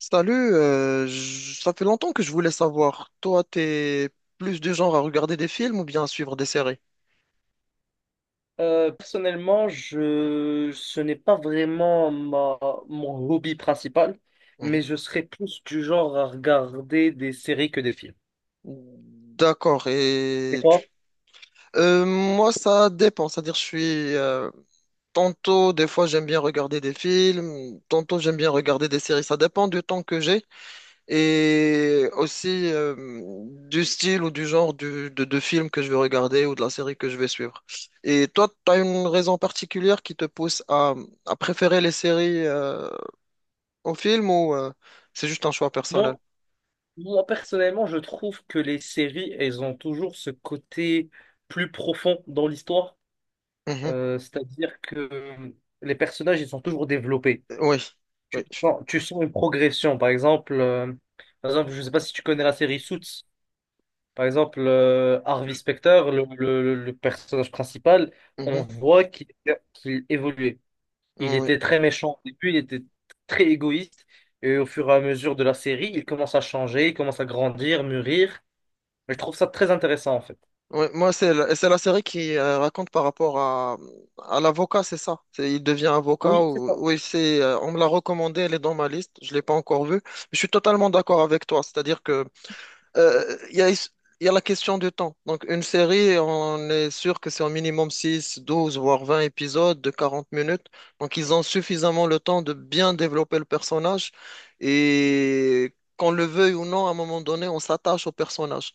Salut, ça fait longtemps que je voulais savoir, toi, t'es plus du genre à regarder des films ou bien à suivre des séries? Personnellement, ce n'est pas vraiment mon hobby principal, Mhm. mais je serais plus du genre à regarder des séries que des films. D'accord. Et toi? Moi, ça dépend, c'est-à-dire tantôt, des fois, j'aime bien regarder des films, tantôt, j'aime bien regarder des séries, ça dépend du temps que j'ai. Et aussi du style ou du genre de film que je vais regarder ou de la série que je vais suivre. Et toi, tu as une raison particulière qui te pousse à préférer les séries aux films ou c'est juste un choix personnel? Moi, moi, personnellement, je trouve que les séries, elles ont toujours ce côté plus profond dans l'histoire. Mhm. C'est-à-dire que les personnages, ils sont toujours développés. Oui, oui. Tu sens une progression. Par exemple, je ne sais pas si tu connais la série Suits. Par exemple, Harvey je- Specter, le personnage principal, on mhm. voit qu'il évoluait. Il Oui. était très méchant au début, il était très égoïste. Et au fur et à mesure de la série, il commence à changer, il commence à grandir, mûrir. Je trouve ça très intéressant, en fait. Oui. Moi, c'est la série qui raconte par rapport à l'avocat, c'est ça. Il devient avocat. Oui, c'est Ou, ça. oui, on me l'a recommandé, elle est dans ma liste. Je ne l'ai pas encore vue. Je suis totalement d'accord avec toi. C'est-à-dire que il y a la question du temps. Donc, une série, on est sûr que c'est au minimum 6 12 voire 20 épisodes de 40 minutes. Donc, ils ont suffisamment le temps de bien développer le personnage. Et qu'on le veuille ou non, à un moment donné, on s'attache au personnage.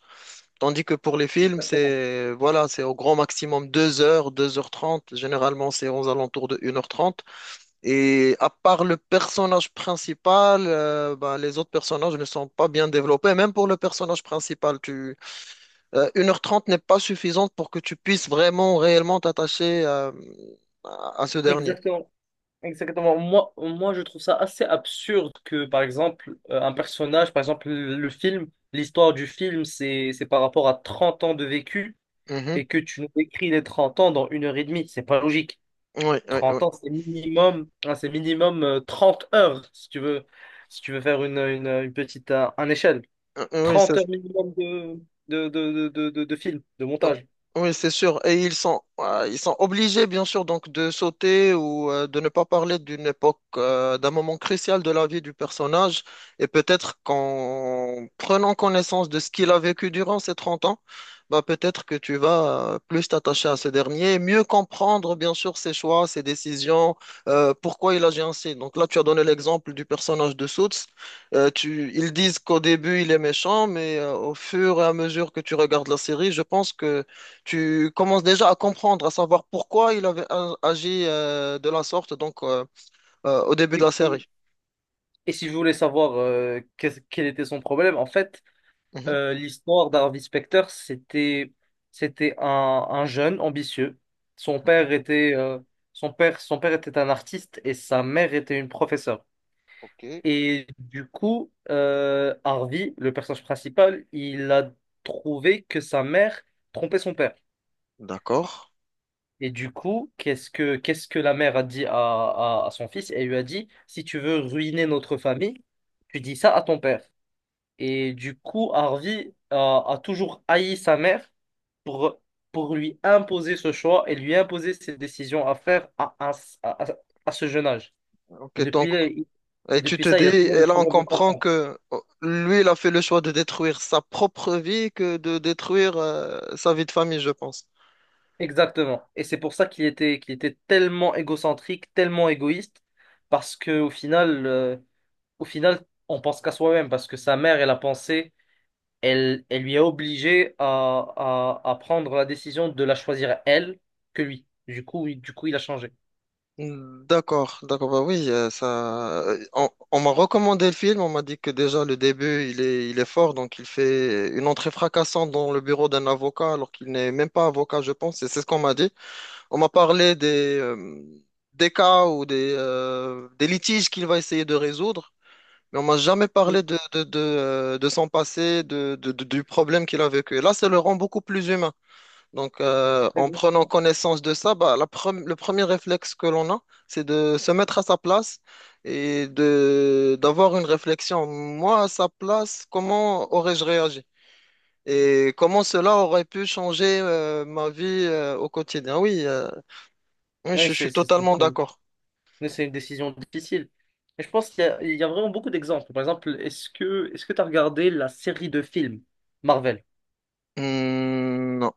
Tandis que pour les films, Exactement. c'est voilà, c'est au grand maximum 2 heures trente. Généralement, c'est aux alentours de une heure trente, et à part le personnage principal, ben, les autres personnages ne sont pas bien développés. Même pour le personnage principal, 1h30 n'est pas suffisante pour que tu puisses vraiment, réellement t'attacher à ce dernier. Exactement. Exactement. Moi, je trouve ça assez absurde que, un personnage, par exemple, le film, l'histoire du film, c'est par rapport à 30 ans de vécu. Mhm. Et que tu nous décris les 30 ans dans une heure et demie. C'est pas logique. Oui, oui, oui. Trente ans, c'est minimum, hein, c'est minimum 30 heures si tu veux, si tu veux faire une petite un échelle. Oui, c'est 30 heures minimum de film, de oh, montage. oui, c'est sûr. Et ils sont obligés, bien sûr, donc de sauter ou de ne pas parler d'une époque, d'un moment crucial de la vie du personnage. Et peut-être qu'en prenant connaissance de ce qu'il a vécu durant ces 30 ans, bah, peut-être que tu vas plus t'attacher à ce dernier, et mieux comprendre, bien sûr, ses choix, ses décisions, pourquoi il agit ainsi. Donc là, tu as donné l'exemple du personnage de Suits. Ils disent qu'au début il est méchant, mais au fur et à mesure que tu regardes la série, je pense que tu commences déjà à comprendre, à savoir pourquoi il avait agi de la sorte, donc au début de Oui. la série. Et si vous voulez savoir quel était son problème, en fait, Mhm. L'histoire d'Harvey Specter, c'était un jeune ambitieux. Son père était son père était un artiste et sa mère était une professeure. Ok. Et du coup, Harvey, le personnage principal, il a trouvé que sa mère trompait son père. D'accord. Et du coup, qu'est-ce que la mère a dit à son fils? Elle lui a dit, si tu veux ruiner notre famille, tu dis ça à ton père. Et du coup, Harvey a toujours haï sa mère pour, pour lui imposer ce choix et lui imposer ses décisions à faire à, à ce jeune âge. Et Ok, donc, depuis, et et tu depuis te ça, dis, il a toujours des et là on problèmes de comprend confiance. que oh, lui, il a fait le choix de détruire sa propre vie que de détruire sa vie de famille, je pense. Exactement. Et c'est pour ça qu'il était tellement égocentrique, tellement égoïste, parce que au final, on pense qu'à soi-même, parce que sa mère, elle lui a obligé à prendre la décision de la choisir elle que lui. Du coup, il a changé. D'accord, d'accord, bah oui, ça. On m'a recommandé le film, on m'a dit que déjà le début il est fort, donc il fait une entrée fracassante dans le bureau d'un avocat alors qu'il n'est même pas avocat, je pense, et c'est ce qu'on m'a dit. On m'a parlé des cas ou des litiges qu'il va essayer de résoudre, mais on m'a jamais parlé Oui, de son passé, du problème qu'il a vécu. Et là, ça le rend beaucoup plus humain. Donc, en prenant exactement. connaissance de ça, bah, le premier réflexe que l'on a, c'est de se mettre à sa place et de d'avoir une réflexion. Moi, à sa place, comment aurais-je réagi? Et comment cela aurait pu changer ma vie au quotidien? Oui, oui, Oui, je suis c'est totalement d'accord. mais c'est une décision difficile. Et je pense il y a vraiment beaucoup d'exemples. Par exemple, est-ce que tu as regardé la série de films Marvel? Hmm, non,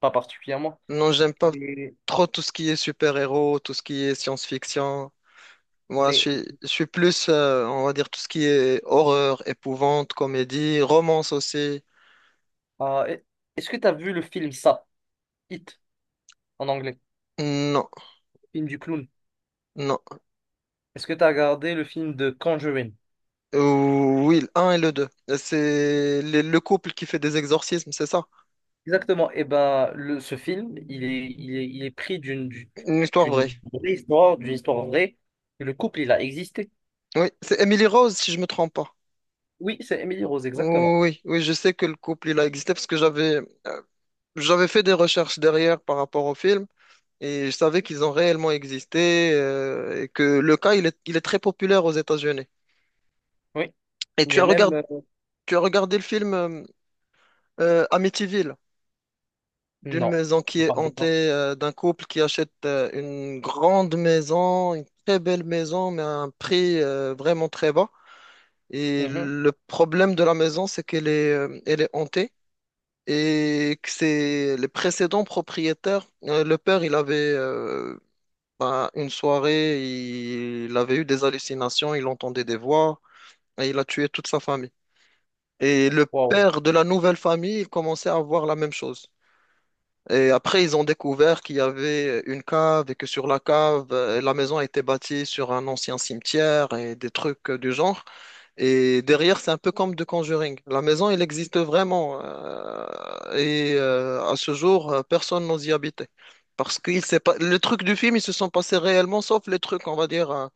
Pas particulièrement. non, j'aime pas Mais, trop tout ce qui est super-héros, tout ce qui est science-fiction. Moi, je mais suis, je suis plus, on va dire, tout ce qui est horreur, épouvante, comédie, romance aussi. Ah, est-ce que tu as vu le film Ça, It, en anglais, Non, film du clown? non. Est-ce que tu as regardé le film de Conjuring? Euh, oui, le 1 et le 2. C'est le couple qui fait des exorcismes, c'est ça? Exactement. Et ben, ce film, il est pris Une histoire vraie. d'une vraie histoire, d'une histoire vraie. Et le couple, il a existé. Oui, c'est Emily Rose, si je me trompe pas. Oui, c'est Emily Rose, exactement. Oui, oui, je sais que le couple, il a existé parce que euh, j'avais fait des recherches derrière par rapport au film et je savais qu'ils ont réellement existé, et que le cas, il est très populaire aux États-Unis. Oui. Et Il y tu as a même. regardé, tu as regardé le film, Amityville, d'une Non. maison Je qui est parle de quoi. hantée, d'un couple qui achète une grande maison, une très belle maison, mais à un prix vraiment très bas. Et Mhm. le problème de la maison, c'est qu'elle est hantée et que c'est les précédents propriétaires. Le père, il avait bah, une soirée, il avait eu des hallucinations, il entendait des voix et il a tué toute sa famille. Et le Wow. père de la nouvelle famille, il commençait à voir la même chose. Et après, ils ont découvert qu'il y avait une cave et que sur la cave, la maison a été bâtie sur un ancien cimetière et des trucs du genre. Et derrière, c'est un peu comme The Conjuring. La maison, elle existe vraiment. Et à ce jour, personne n'ose y habiter. Parce que s'est pas, les trucs du film, ils se sont passés réellement, sauf les trucs, on va dire,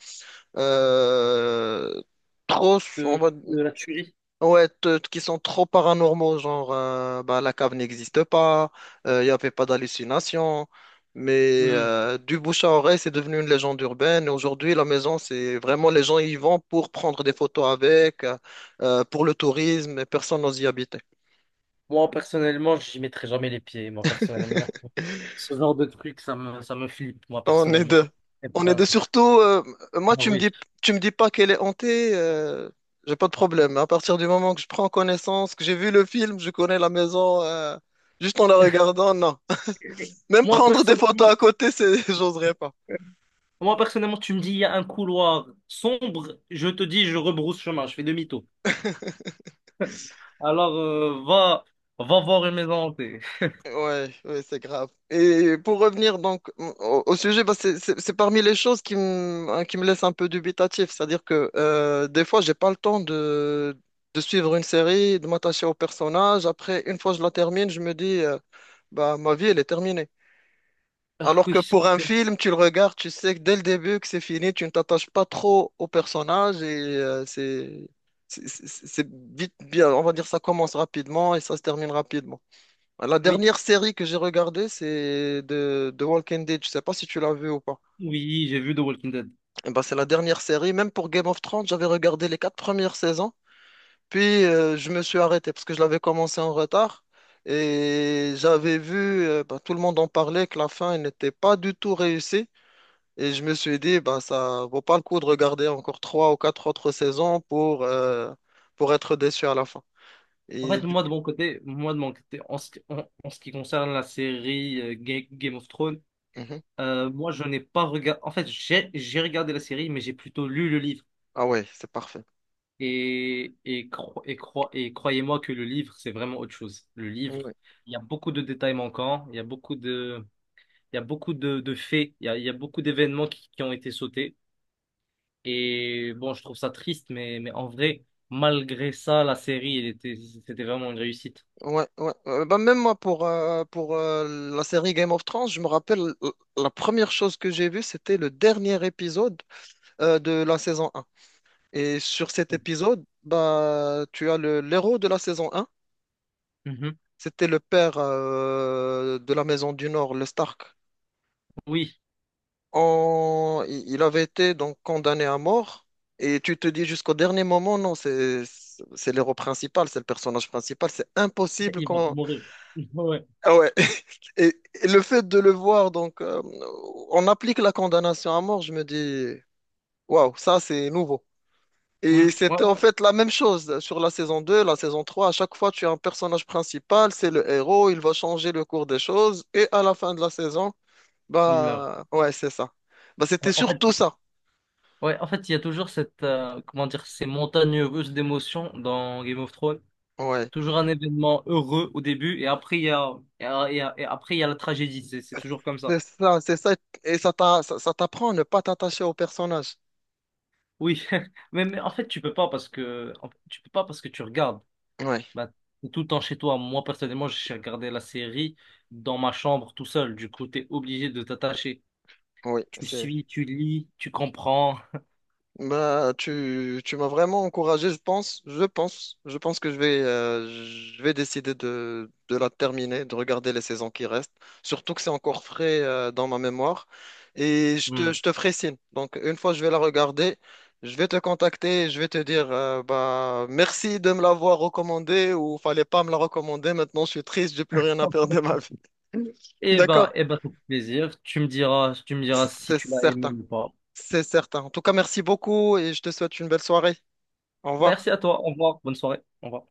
euh, trop, on De, va de la tuerie. ouais, qui sont trop paranormaux, genre bah, la cave n'existe pas, il n'y avait pas d'hallucination, mais Hmm. Du bouche à oreille, c'est devenu une légende urbaine. Et aujourd'hui, la maison, c'est vraiment les gens y vont pour prendre des photos pour le tourisme, et personne n'ose y habiter. Moi, personnellement, j'y mettrai jamais les pieds. Moi, personnellement, ce genre de truc, ça me flippe. Moi, On est personnellement, ça. deux. Eh On est ben, deux surtout. Ah Moi, oui. tu me dis pas qu'elle est hantée, j'ai pas de problème. À partir du moment que je prends connaissance, que j'ai vu le film, je connais la maison, juste en la regardant, non. Même Moi prendre des personnellement, photos à côté, j'oserais pas. moi personnellement, tu me dis il y a un couloir sombre, je te dis je rebrousse chemin, je fais demi-tour. Alors va voir une maison hantée. Ouais, ouais, c'est grave. Et pour revenir donc au sujet, bah, c'est parmi les choses qui me, hein, qui me laissent un peu dubitatif. C'est-à-dire que des fois, j'ai pas le temps de suivre une série, de m'attacher au personnage. Après, une fois que je la termine, je me dis, bah, ma vie, elle est terminée. Ah Alors oui, que pour un film, tu le regardes, tu sais que dès le début que c'est fini, tu ne t'attaches pas trop au personnage et c'est vite bien, on va dire ça commence rapidement et ça se termine rapidement. La oui, dernière série que j'ai regardée, c'est de The Walking Dead. Je sais pas si tu l'as vu ou pas. oui, j'ai vu The Walking Dead. Eh ben, c'est la dernière série. Même pour Game of Thrones, j'avais regardé les quatre premières saisons, puis je me suis arrêté parce que je l'avais commencé en retard. Et j'avais vu, ben, tout le monde en parlait, que la fin elle n'était pas du tout réussie. Et je me suis dit, bah, ça vaut pas le coup de regarder encore trois ou quatre autres saisons pour être déçu à la fin. En Et fait, du- moi de mon côté, en ce qui, en ce qui concerne la série Game of Thrones, Mhm. Moi je n'ai pas regardé. En fait, j'ai regardé la série, mais j'ai plutôt lu le livre. Ah ouais, c'est parfait. Et croyez-moi que le livre, c'est vraiment autre chose. Le livre, Ouais, il y a beaucoup de détails manquants, il y a beaucoup de, il y a beaucoup de faits, il y a beaucoup d'événements qui ont été sautés. Et bon, je trouve ça triste, mais en vrai, malgré ça, la série, elle était, c'était vraiment une réussite. ouais, ouais. Bah, même moi, pour la série Game of Thrones, je me rappelle, la première chose que j'ai vue, c'était le dernier épisode de la saison un. Et sur cet épisode, bah, tu as le l'héros de la saison un. Mhm. C'était le père de la Maison du Nord, le Stark. Oui, Il avait été donc condamné à mort. Et tu te dis jusqu'au dernier moment, non, c'est l'héros principal, c'est le personnage principal, c'est impossible il va qu'on... mourir. Ouais. Ah ouais. Et le fait de le voir, donc, on applique la condamnation à mort, je me dis, waouh, ça c'est nouveau. Mm. Et Ouais, c'était en ouais. fait la même chose sur la saison deux, la saison trois. À chaque fois, tu as un personnage principal, c'est le héros, il va changer le cours des choses. Et à la fin de la saison, Il meurt. bah, ouais, c'est ça. Bah, Ouais, c'était surtout ça. En fait, il y a toujours cette, comment dire, ces montagnes russes d'émotions dans Game of Thrones. Ouais. Toujours un événement heureux au début et après il y a, et, a- et- a- et après il y a la tragédie. C'est toujours comme ça. C'est ça, et ça t'apprend à ne pas t'attacher au personnage. Oui, mais en fait tu peux pas parce que en fait, tu peux pas parce que tu regardes. Oui, Bah, t'es tout le temps chez toi. Moi personnellement, j'ai regardé la série dans ma chambre tout seul. Du coup, t'es obligé de t'attacher. oui, Tu c'est. suis, tu lis, tu comprends. Bah, tu m'as vraiment encouragé, je pense que je vais décider de la terminer, de regarder les saisons qui restent, surtout que c'est encore frais, dans ma mémoire, et je te, Hmm. je te ferai signe. Donc, une fois que je vais la regarder, je vais te contacter, je vais te dire, bah, merci de me l'avoir recommandé ou fallait pas me la recommander, maintenant je suis triste, j'ai plus rien à faire de ma vie. Eh ben, D'accord? eh ben, c'est un plaisir. Tu me diras si C'est tu l'as aimé certain. ou pas. C'est certain. En tout cas, merci beaucoup et je te souhaite une belle soirée. Au revoir. Merci à toi. Au revoir. Bonne soirée. Au revoir.